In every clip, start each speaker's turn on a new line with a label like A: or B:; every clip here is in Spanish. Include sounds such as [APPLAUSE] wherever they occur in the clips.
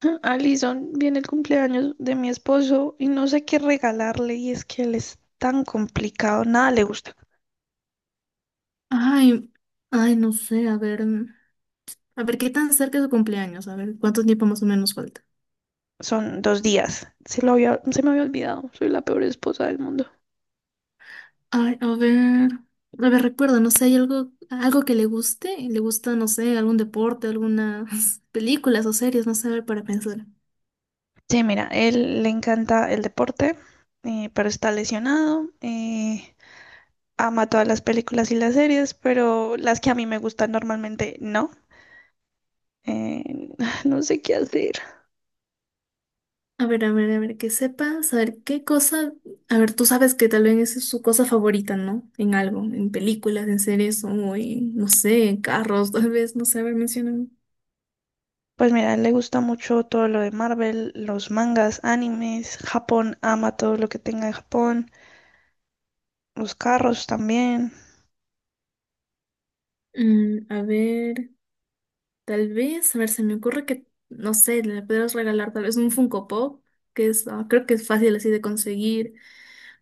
A: [LAUGHS] Alison, viene el cumpleaños de mi esposo y no sé qué regalarle y es que él es tan complicado, nada le gusta.
B: Ay, ay, no sé, a ver, a ver qué tan cerca es su cumpleaños, a ver cuánto tiempo más o menos falta.
A: Son dos días, se me había olvidado, soy la peor esposa del mundo.
B: Ay, a ver, recuerda, no sé, hay algo, algo que le guste, le gusta, no sé, algún deporte, algunas [LAUGHS] películas o series, no sé, a ver, para pensar.
A: Sí, mira, él le encanta el deporte, pero está lesionado, ama todas las películas y las series, pero las que a mí me gustan normalmente no. Eh, [LAUGHS] [SIGHS] no sé qué hacer.
B: A ver, a ver, a ver, que sepa, saber qué cosa, a ver, tú sabes que tal vez es su cosa favorita, ¿no? En algo, en películas, en series o en, no sé, en carros, [LAUGHS] tal vez, no sé, a ver, menciona.
A: Pues mira, a él le gusta mucho todo lo de Marvel, los mangas, animes, Japón, ama todo lo que tenga de Japón, los carros también.
B: A ver, tal vez, a ver, se me ocurre que, no sé, le podrías regalar tal vez un Funko Pop, que es, creo que es fácil así de conseguir,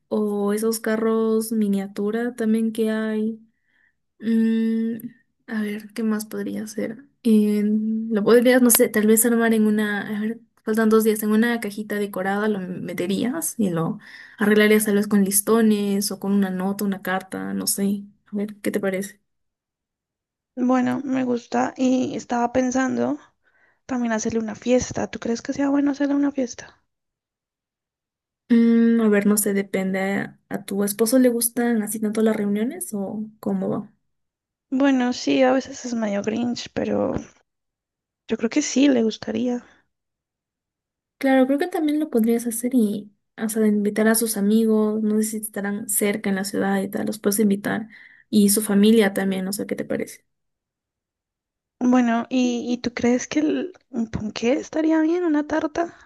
B: o esos carros miniatura también que hay. Mm, a ver, ¿qué más podría ser? Lo podrías, no sé, tal vez armar en una, a ver, faltan 2 días, en una cajita decorada lo meterías y lo arreglarías tal vez con listones o con una nota, una carta, no sé. A ver, ¿qué te parece?
A: Bueno, me gusta y estaba pensando también hacerle una fiesta. ¿Tú crees que sea bueno hacerle una fiesta?
B: A ver, no sé, depende. ¿A tu esposo le gustan así tanto las reuniones o cómo va?
A: Bueno, sí, a veces es medio grinch, pero yo creo que sí, le gustaría.
B: Claro, creo que también lo podrías hacer y, o sea, de invitar a sus amigos, no sé si estarán cerca en la ciudad y tal, los puedes invitar. Y su familia también, no sé qué te parece.
A: Bueno, ¿y tú crees que un ponqué estaría bien, una tarta?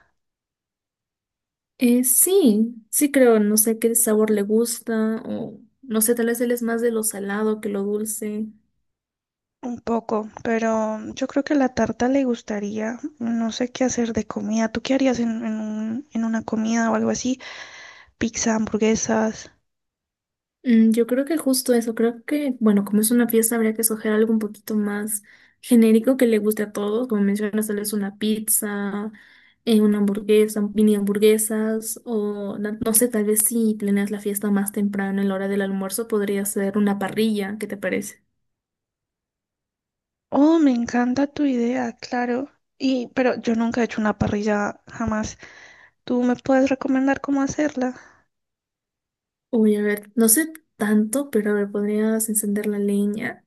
B: Sí, sí creo, no sé qué sabor le gusta o, no sé, tal vez él es más de lo salado que lo dulce.
A: Un poco, pero yo creo que la tarta le gustaría. No sé qué hacer de comida. ¿Tú qué harías en en una comida o algo así? Pizza, hamburguesas.
B: Yo creo que justo eso, creo que, bueno, como es una fiesta, habría que escoger algo un poquito más genérico que le guste a todos, como mencionas, tal vez una pizza, una hamburguesa, mini hamburguesas, o no sé, tal vez si planeas la fiesta más temprano en la hora del almuerzo, podría ser una parrilla, ¿qué te parece?
A: Oh, me encanta tu idea, claro. Y, pero yo nunca he hecho una parrilla jamás. ¿Tú me puedes recomendar cómo hacerla?
B: Uy, a ver, no sé tanto, pero a ver, podrías encender la leña.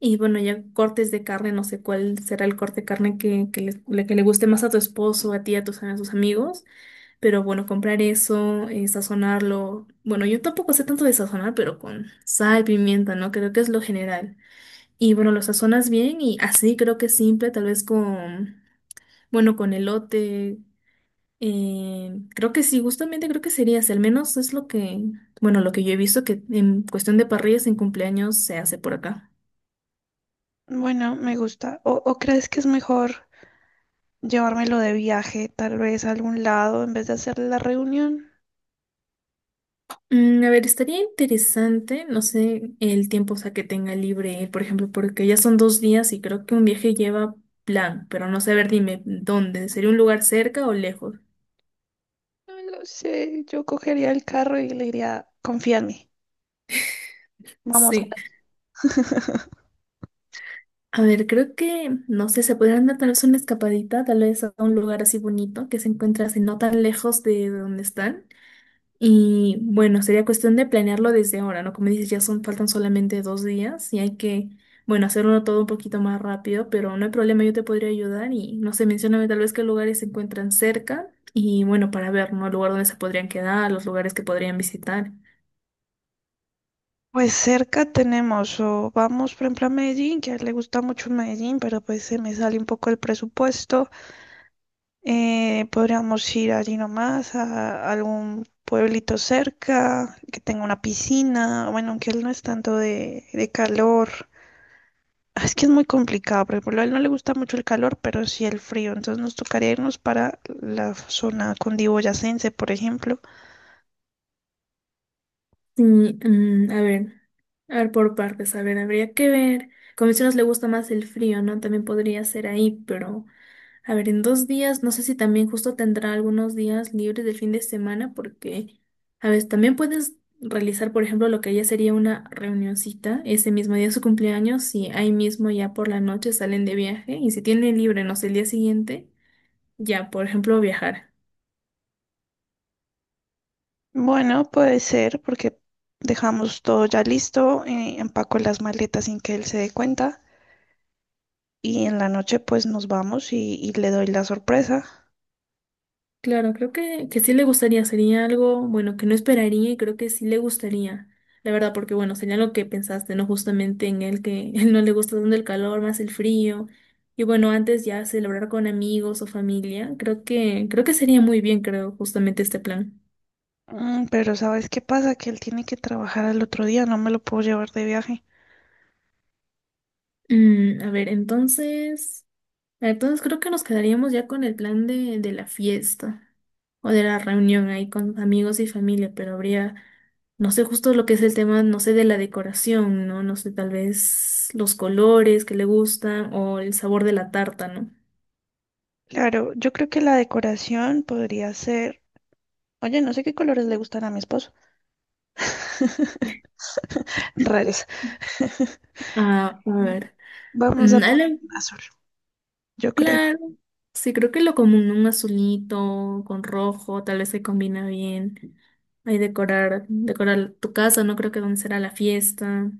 B: Y bueno, ya cortes de carne, no sé cuál será el corte de carne que le, que le guste más a tu esposo, a ti, a tus amigos. Pero bueno, comprar eso, sazonarlo. Bueno, yo tampoco sé tanto de sazonar, pero con sal, pimienta, ¿no? Creo que es lo general. Y bueno, lo sazonas bien y así creo que es simple, tal vez con, bueno, con elote. Creo que sí, justamente creo que sería así. Al menos es lo que, bueno, lo que yo he visto que en cuestión de parrillas en cumpleaños se hace por acá.
A: Bueno, me gusta. ¿O crees que es mejor llevármelo de viaje, tal vez a algún lado, en vez de hacer la reunión?
B: A ver, estaría interesante, no sé, el tiempo, o sea, que tenga libre él, por ejemplo, porque ya son 2 días y creo que un viaje lleva plan, pero no sé, a ver, dime, ¿dónde? ¿Sería un lugar cerca o lejos?
A: No lo sé. Yo cogería el carro y le diría, confía en mí. Vamos.
B: Sí.
A: [LAUGHS]
B: A ver, creo que, no sé, se podrían dar tal vez una escapadita, tal vez a un lugar así bonito que se encuentra así no tan lejos de donde están. Y bueno, sería cuestión de planearlo desde ahora, ¿no? Como dices, ya son, faltan solamente 2 días y hay que, bueno, hacerlo todo un poquito más rápido, pero no hay problema, yo te podría ayudar y no sé, mencióname tal vez qué lugares se encuentran cerca y bueno, para ver, ¿no? El lugar donde se podrían quedar, los lugares que podrían visitar.
A: Pues cerca tenemos, o vamos por ejemplo a Medellín, que a él le gusta mucho Medellín, pero pues se me sale un poco el presupuesto. Podríamos ir allí nomás a algún pueblito cerca, que tenga una piscina, bueno, aunque él no es tanto de calor. Ah, es que es muy complicado, por ejemplo, a él no le gusta mucho el calor, pero sí el frío, entonces nos tocaría irnos para la zona cundiboyacense, por ejemplo.
B: Y, a ver. A ver, por partes, a ver, habría que ver. Como mencionas, le gusta más el frío, ¿no? También podría ser ahí, pero a ver, en 2 días, no sé si también justo tendrá algunos días libres del fin de semana, porque, a ver, también puedes realizar, por ejemplo, lo que ya sería una reunioncita ese mismo día de su cumpleaños, y ahí mismo ya por la noche salen de viaje, y si tiene libre, no sé, el día siguiente, ya, por ejemplo, viajar.
A: Bueno, puede ser porque dejamos todo ya listo, empaco las maletas sin que él se dé cuenta y en la noche pues nos vamos y le doy la sorpresa.
B: Claro, creo que sí le gustaría, sería algo, bueno, que no esperaría y creo que sí le gustaría, la verdad, porque bueno, sería lo que pensaste, ¿no? Justamente en él que [LAUGHS] él no le gusta tanto el calor, más el frío. Y bueno, antes ya celebrar con amigos o familia, creo que sería muy bien, creo, justamente este plan.
A: Pero ¿sabes qué pasa? Que él tiene que trabajar al otro día, no me lo puedo llevar de viaje.
B: A ver, entonces. Entonces creo que nos quedaríamos ya con el plan de la fiesta o de la reunión ahí con amigos y familia, pero habría, no sé justo lo que es el tema, no sé, de la decoración, ¿no? No sé, tal vez los colores que le gustan o el sabor de la tarta, ¿no?
A: Claro, yo creo que la decoración podría ser. Oye, no sé qué colores le gustan a mi esposo. [LAUGHS] Raros. [LAUGHS]
B: A ver.
A: Vamos a
B: Mm, a
A: poner
B: la-
A: un azul, yo creo.
B: Claro, sí, creo que lo común, un azulito con rojo, tal vez se combina bien. Ahí decorar, decorar tu casa, no creo que donde será la fiesta.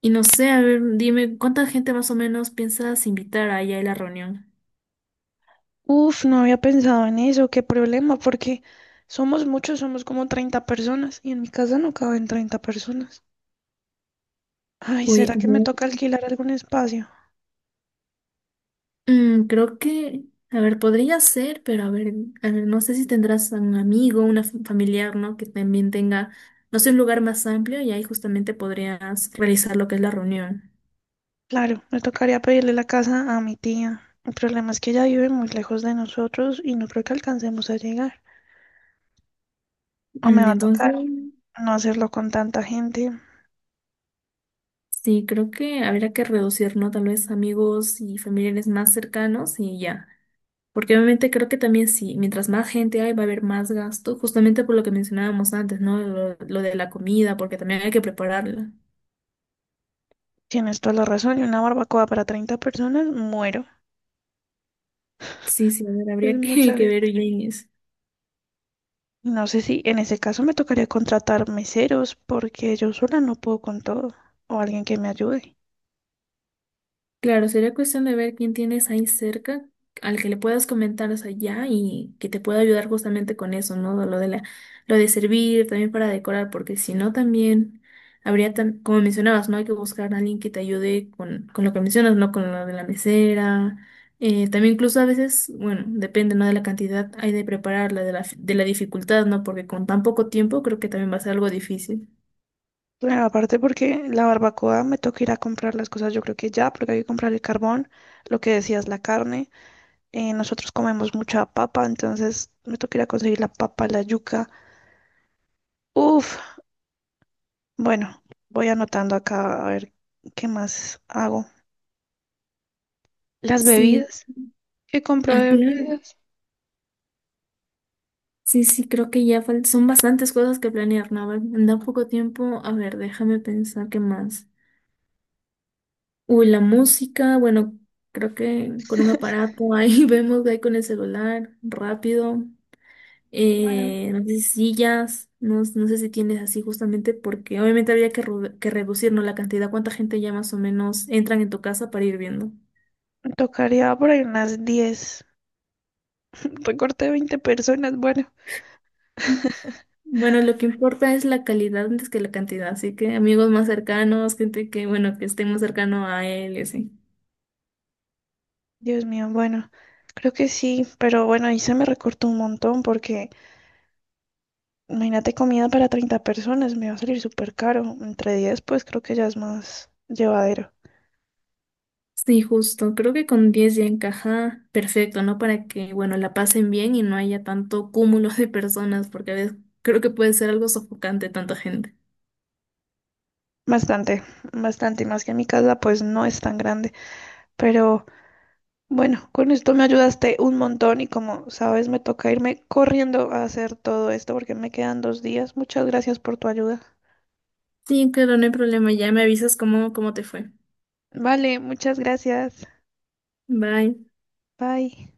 B: Y no sé, a ver, dime, ¿cuánta gente más o menos piensas invitar allá a la reunión?
A: Uf, no había pensado en eso, qué problema, porque somos muchos, somos como 30 personas y en mi casa no caben 30 personas. Ay,
B: Uy, a
A: ¿será que me
B: ver,
A: toca alquilar algún espacio?
B: Creo que, a ver, podría ser, pero a ver, no sé si tendrás un amigo, una familiar, ¿no? Que también tenga, no sé, un lugar más amplio y ahí justamente podrías realizar lo que es la reunión.
A: Claro, me tocaría pedirle la casa a mi tía. El problema es que ella vive muy lejos de nosotros y no creo que alcancemos a llegar. O me va a
B: Entonces,
A: tocar no hacerlo con tanta gente.
B: sí, creo que habría que reducir, ¿no? Tal vez amigos y familiares más cercanos y ya. Porque obviamente creo que también sí, mientras más gente hay, va a haber más gasto, justamente por lo que mencionábamos antes, ¿no? Lo de la comida, porque también hay que prepararla.
A: Tienes toda la razón, y una barbacoa para 30 personas, muero.
B: Sí, sí, a ver,
A: Es
B: habría
A: mucha
B: que, [LAUGHS] que ver
A: gente.
B: bien eso.
A: No sé si en ese caso me tocaría contratar meseros porque yo sola no puedo con todo o alguien que me ayude.
B: Claro, sería cuestión de ver quién tienes ahí cerca, al que le puedas comentar, o sea, ya, y que te pueda ayudar justamente con eso, ¿no? Lo de la, lo de servir, también para decorar, porque si no también habría, como mencionabas, ¿no? Hay que buscar a alguien que te ayude con lo que mencionas, ¿no? Con lo de la mesera. También incluso a veces, bueno, depende, ¿no? De la cantidad hay de prepararla, de la dificultad, ¿no? Porque con tan poco tiempo creo que también va a ser algo difícil.
A: Bueno, aparte porque la barbacoa me toca ir a comprar las cosas, yo creo que ya, porque hay que comprar el carbón, lo que decías, la carne. Nosotros comemos mucha papa, entonces me toca ir a conseguir la papa, la yuca. Uf, bueno, voy anotando acá a ver qué más hago. Las
B: Sí,
A: bebidas, ¿qué compro de
B: claro.
A: bebidas?
B: Sí, sí, creo que ya son bastantes cosas que planear, Naval. Da poco tiempo. A ver, déjame pensar qué más. Uy, la música, bueno, creo que con un aparato ahí [LAUGHS] vemos ahí con el celular, rápido.
A: Bueno,
B: No sé si sillas, no, no sé si tienes así justamente porque obviamente habría que, que reducir, ¿no? La cantidad, cuánta gente ya más o menos entran en tu casa para ir viendo.
A: me tocaría por ahí unas 10 recorté 20 personas, bueno.
B: Mm, Bueno, lo que importa es la calidad antes que la cantidad, así que amigos más cercanos, gente que, bueno, que esté más cercano a él, y así.
A: Dios mío, bueno, creo que sí, pero bueno, ahí se me recortó un montón porque imagínate comida para 30 personas, me va a salir súper caro. Entre 10, pues creo que ya es más llevadero.
B: Sí, justo. Creo que con 10 ya encaja perfecto, ¿no? Para que, bueno, la pasen bien y no haya tanto cúmulo de personas, porque a veces creo que puede ser algo sofocante tanta gente.
A: Bastante, bastante, y más que mi casa, pues no es tan grande. Pero bueno, con esto me ayudaste un montón y como sabes, me toca irme corriendo a hacer todo esto porque me quedan 2 días. Muchas gracias por tu ayuda.
B: Sí, claro, no hay problema. Ya me avisas cómo, cómo te fue.
A: Vale, muchas gracias.
B: Bye.
A: Bye.